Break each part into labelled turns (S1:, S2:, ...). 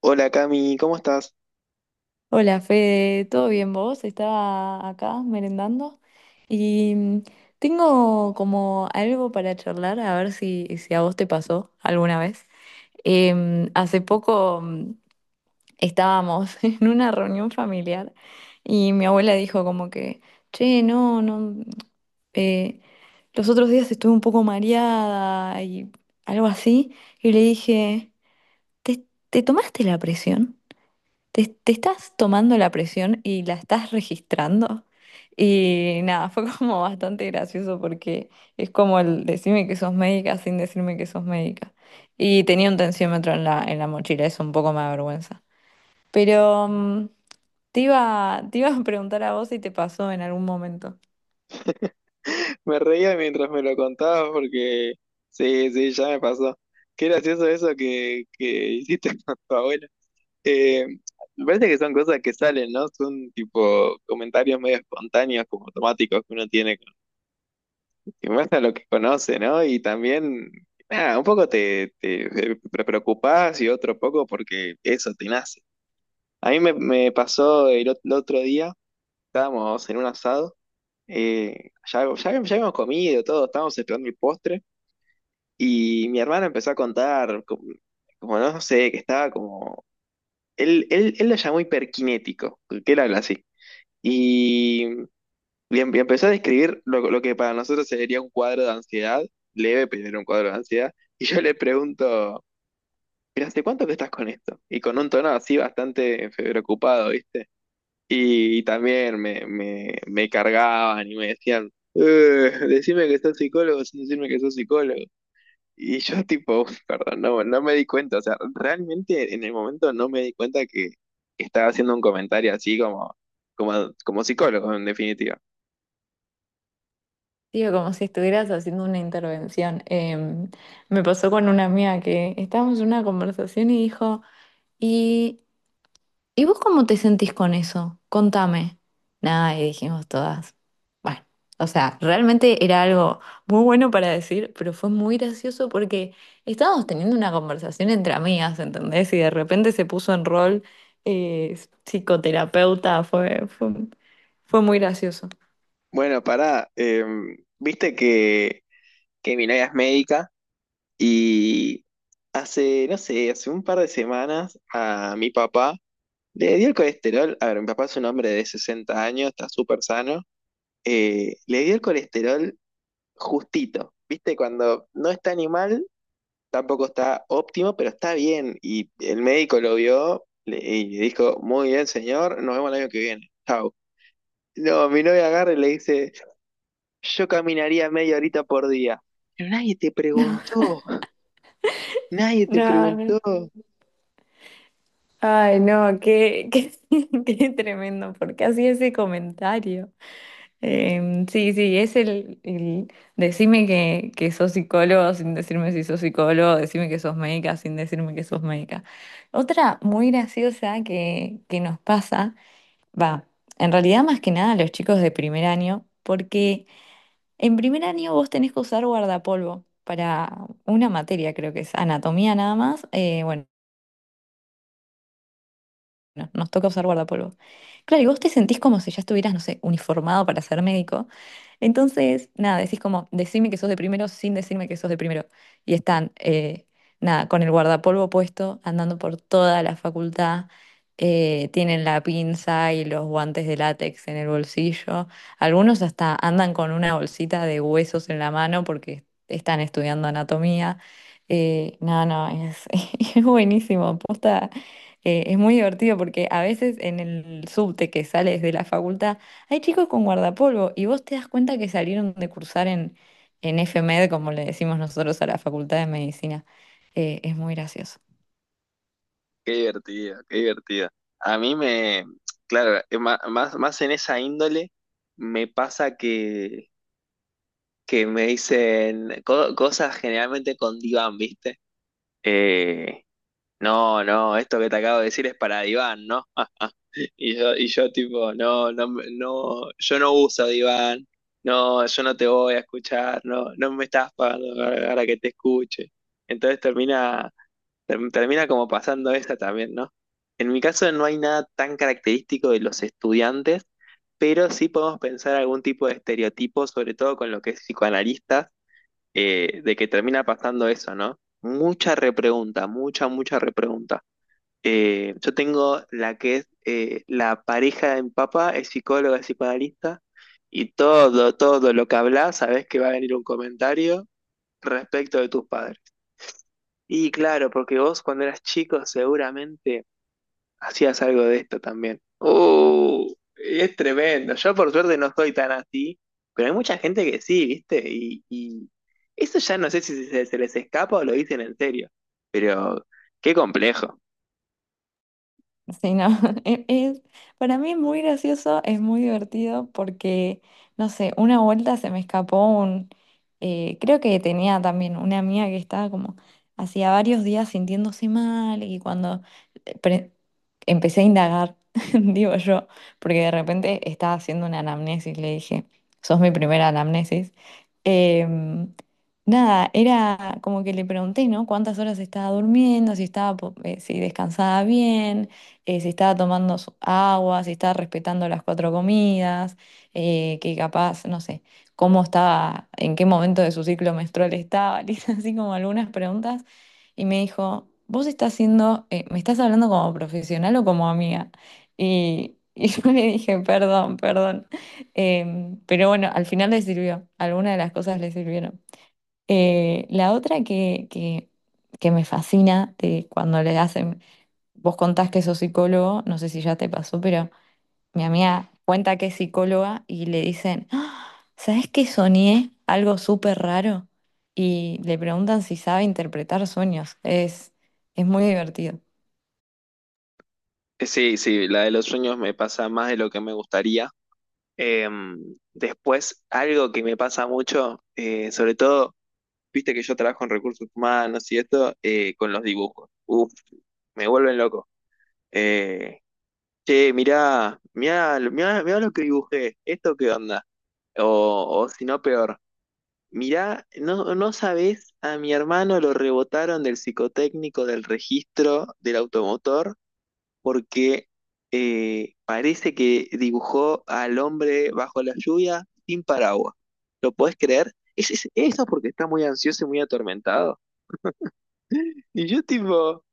S1: Hola Cami, ¿cómo estás?
S2: Hola Fede, ¿todo bien vos? Estaba acá merendando y tengo como algo para charlar, a ver si a vos te pasó alguna vez. Hace poco estábamos en una reunión familiar y mi abuela dijo como que, che, no, no, eh, los otros días estuve un poco mareada y algo así, y le dije, ¿te, te tomaste la presión? Te estás tomando la presión y la estás registrando. Y nada, fue como bastante gracioso porque es como el decirme que sos médica sin decirme que sos médica. Y tenía un tensiómetro en la mochila, eso un poco me avergüenza. Pero te iba a preguntar a vos si te pasó en algún momento.
S1: Me reía mientras me lo contabas porque sí, sí, ya me pasó. Qué gracioso eso que hiciste con tu abuela. Eh, Me parece que son cosas que salen, ¿no? Son tipo comentarios medio espontáneos, como automáticos que uno tiene, que muestra lo que conoce, ¿no? Y también, nada, un poco te preocupás y otro poco porque eso te nace. A mí me pasó el otro día. Estábamos en un asado, ya habíamos comido todo, estábamos esperando el postre y mi hermana empezó a contar, como, como no sé, que estaba como, él lo llamó hiperkinético, que él habla así, y y empezó a describir lo que para nosotros sería un cuadro de ansiedad, leve, pero era un cuadro de ansiedad, y yo le pregunto, ¿pero hace cuánto que estás con esto? Y con un tono así bastante preocupado, ¿viste? Y también me cargaban y me decían, decime que sos psicólogo sin decirme que sos psicólogo". Y yo tipo, perdón, no, no me di cuenta, o sea, realmente en el momento no me di cuenta que estaba haciendo un comentario así como, como, como psicólogo, en definitiva.
S2: Digo, como si estuvieras haciendo una intervención. Me pasó con una amiga que estábamos en una conversación y dijo, y ¿Y vos cómo te sentís con eso? Contame. Nada, y dijimos todas. Bueno, o sea, realmente era algo muy bueno para decir, pero fue muy gracioso porque estábamos teniendo una conversación entre amigas, ¿entendés? Y de repente se puso en rol eh, psicoterapeuta, fue muy gracioso.
S1: Bueno, pará, viste que mi novia es médica y hace, no sé, hace un par de semanas a mi papá le dio el colesterol, a ver, mi papá es un hombre de 60 años, está súper sano, le dio el colesterol justito, ¿viste? Cuando no está ni mal, tampoco está óptimo, pero está bien. Y el médico lo vio y le dijo, muy bien, señor, nos vemos el año que viene, chau. No, mi novia agarra y le dice, yo caminaría media horita por día. Pero nadie te preguntó, nadie te
S2: No, no.
S1: preguntó.
S2: Ay, no, qué tremendo, porque hacía ese comentario. Sí, sí, es el decime que sos psicólogo sin decirme si sos psicólogo, decime que sos médica sin decirme que sos médica. Otra muy graciosa que nos pasa, va, en realidad más que nada a los chicos de primer año, porque en primer año vos tenés que usar guardapolvo para una materia, creo que es anatomía nada más, bueno. Bueno, nos toca usar guardapolvo. Claro, y vos te sentís como si ya estuvieras, no sé, uniformado para ser médico. Entonces, nada, decís como, decime que sos de primero sin decirme que sos de primero. Y están, nada, con el guardapolvo puesto, andando por toda la facultad. Tienen la pinza y los guantes de látex en el bolsillo. Algunos hasta andan con una bolsita de huesos en la mano porque están estudiando anatomía. No, no, es, es buenísimo. Posta, es muy divertido porque a veces en el subte que sales de la facultad hay chicos con guardapolvo y vos te das cuenta que salieron de cursar en FMED, como le decimos nosotros a la Facultad de Medicina. Es muy gracioso.
S1: Qué divertido, qué divertido. A mí me, claro, más en esa índole me pasa que me dicen cosas generalmente con diván, ¿viste? Eh, no, no, esto que te acabo de decir es para diván, ¿no? Y yo tipo, no, no, no, yo no uso diván, no, yo no te voy a escuchar, no, no me estás pagando para que te escuche. Entonces termina como pasando esa también, ¿no? En mi caso no hay nada tan característico de los estudiantes, pero sí podemos pensar algún tipo de estereotipo, sobre todo con lo que es psicoanalista, de que termina pasando eso, ¿no? Mucha repregunta, mucha repregunta. Yo tengo la que es la pareja de mi papá, es psicóloga, es psicoanalista, y todo, todo lo que hablas, sabes que va a venir un comentario respecto de tus padres. Y claro, porque vos cuando eras chico seguramente hacías algo de esto también. Es tremendo. Yo por suerte no soy tan así, pero hay mucha gente que sí, ¿viste? Y eso ya no sé si se les escapa o lo dicen en serio, pero qué complejo.
S2: Sí, no, es, es- para mí es muy gracioso, es muy divertido porque, no sé, una vuelta se me escapó creo que tenía también una amiga que estaba como hacía varios días sintiéndose mal y cuando eh, pre- empecé a indagar, digo yo, porque de repente estaba haciendo una anamnesis, le dije, sos mi primera anamnesis. Em, nada, era como que le pregunté, ¿no? ¿Cuántas horas estaba durmiendo? Si estaba, si descansaba bien, si estaba tomando su agua, si estaba respetando las cuatro comidas, que capaz, no sé, cómo estaba, en qué momento de su ciclo menstrual estaba, le hice así como algunas preguntas y me dijo, vos estás siendo, me estás hablando como profesional o como amiga. Y yo le dije, perdón, perdón. Pero bueno, al final le sirvió, algunas de las cosas le sirvieron. La otra que me fascina de cuando le hacen. Vos contás que sos psicólogo, no sé si ya te pasó, pero mi amiga cuenta que es psicóloga y le dicen, "Ah, ¿sabés qué soñé? Algo súper raro." Y le preguntan si sabe interpretar sueños. Es muy divertido.
S1: Sí, sí, la de los sueños me pasa más de lo que me gustaría. Em, Después, algo que me pasa mucho, sobre todo, viste que yo trabajo en recursos humanos y esto, con los dibujos. Uf, me vuelven loco. Eh, Che, mirá, mirá lo que dibujé, ¿esto qué onda? O, o si no, peor, mirá, no, no sabés, a mi hermano lo rebotaron del psicotécnico del registro del automotor porque parece que dibujó al hombre bajo la lluvia sin paraguas. ¿Lo podés creer? Es, eso porque está muy ansioso y muy atormentado. Y yo tipo...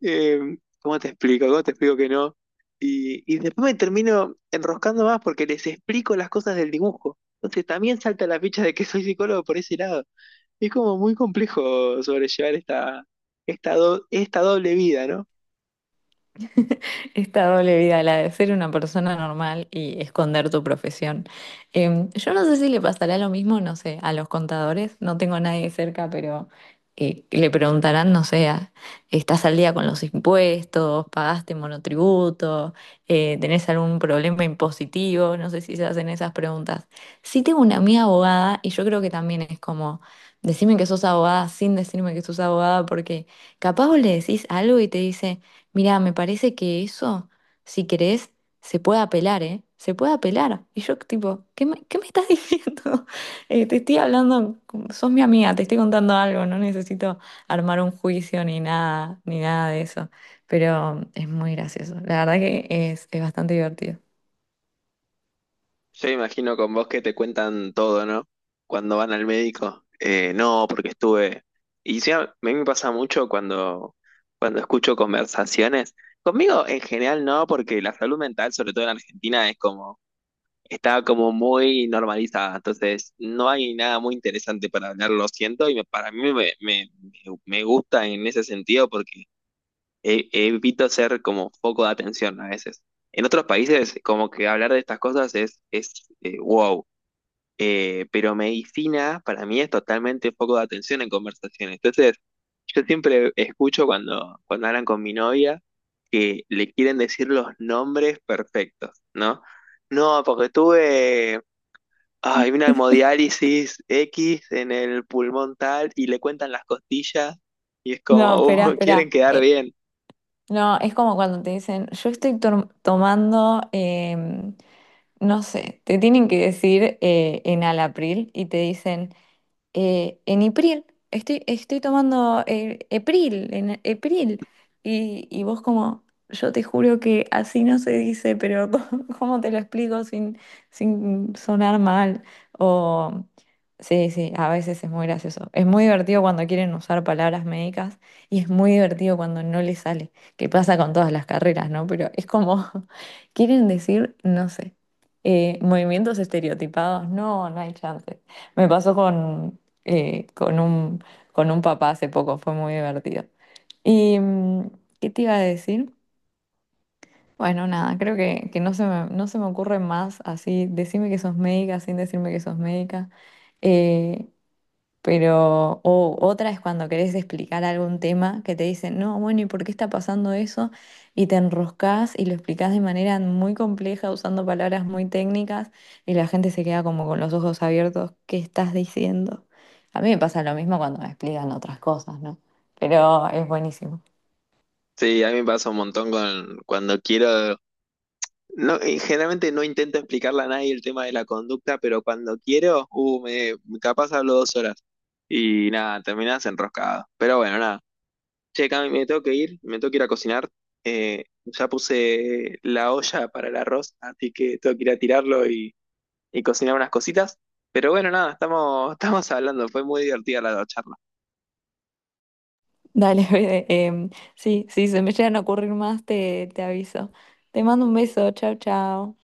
S1: Eh, ¿cómo te explico? ¿Cómo te explico que no? Y después me termino enroscando más porque les explico las cosas del dibujo. Entonces también salta la ficha de que soy psicólogo por ese lado. Es como muy complejo sobrellevar esta, esta doble vida, ¿no?
S2: Esta doble vida, la de ser una persona normal y esconder tu profesión. Yo no sé si le pasará lo mismo, no sé, a los contadores. No tengo a nadie cerca, pero le preguntarán, no sé, ¿estás al día con los impuestos? ¿Pagaste monotributo? ¿Tenés algún problema impositivo? No sé si se hacen esas preguntas. Sí tengo una amiga abogada y yo creo que también es como, decime que sos abogada sin decirme que sos abogada porque... Capaz vos le decís algo y te dice, mirá, me parece que eso, si querés, se puede apelar, ¿eh? Se puede apelar. Y yo, tipo, ¿qué me estás diciendo? Te estoy hablando, sos mi amiga, te estoy contando algo, no necesito armar un juicio ni nada, ni nada de eso. Pero es muy gracioso. La verdad que es bastante divertido.
S1: Yo me imagino con vos que te cuentan todo, ¿no? Cuando van al médico, no, porque estuve... Y sí, a mí me pasa mucho cuando escucho conversaciones. Conmigo en general no, porque la salud mental, sobre todo en Argentina, es como estaba como muy normalizada, entonces no hay nada muy interesante para hablar, lo siento, y para mí me gusta en ese sentido porque evito ser como foco de atención a veces. En otros países, como que hablar de estas cosas es wow. Pero medicina para mí es totalmente foco de atención en conversaciones. Entonces, yo siempre escucho cuando hablan con mi novia que le quieren decir los nombres perfectos, ¿no? No, porque tuve hay una hemodiálisis X en el pulmón tal y le cuentan las costillas y es
S2: No,
S1: como,
S2: espera,
S1: quieren
S2: espera.
S1: quedar
S2: Eh,
S1: bien.
S2: no, es como cuando te dicen, yo estoy tomando no sé, te tienen que decir en Alapril y te dicen, en Ipril. Estoy tomando Epril, en Epril. Y vos como, yo te juro que así no se dice, pero ¿cómo te lo explico sin sonar mal? O, sí, sí, a veces es muy gracioso. Es muy divertido cuando quieren usar palabras médicas y es muy divertido cuando no les sale, que pasa con todas las carreras, ¿no? Pero es como, quieren decir, no sé. Movimientos estereotipados, no, no hay chance. Me pasó eh, con un, con un papá hace poco, fue muy divertido. ¿Y qué te iba a decir? Bueno, nada, creo que no se me ocurre más así, decime que sos médica sin decirme que sos médica. Eh, o otra es cuando querés explicar algún tema que te dicen, no, bueno, ¿y por qué está pasando eso? Y te enroscás y lo explicás de manera muy compleja, usando palabras muy técnicas, y la gente se queda como con los ojos abiertos, ¿qué estás diciendo? A mí me pasa lo mismo cuando me explican otras cosas, ¿no? Pero es buenísimo.
S1: Sí, a mí me pasa un montón con cuando quiero. No, y generalmente no intento explicarle a nadie el tema de la conducta, pero cuando quiero, me, capaz hablo 2 horas. Y nada, terminás enroscado. Pero bueno, nada. Che, Cami, me tengo que ir, me tengo que ir a cocinar. Ya puse la olla para el arroz, así que tengo que ir a tirarlo y cocinar unas cositas. Pero bueno, nada, estamos, estamos hablando, fue muy divertida la charla.
S2: Dale, Fede, sí, sí, se me llegan a ocurrir más, te aviso. Te mando un beso, chao, chao.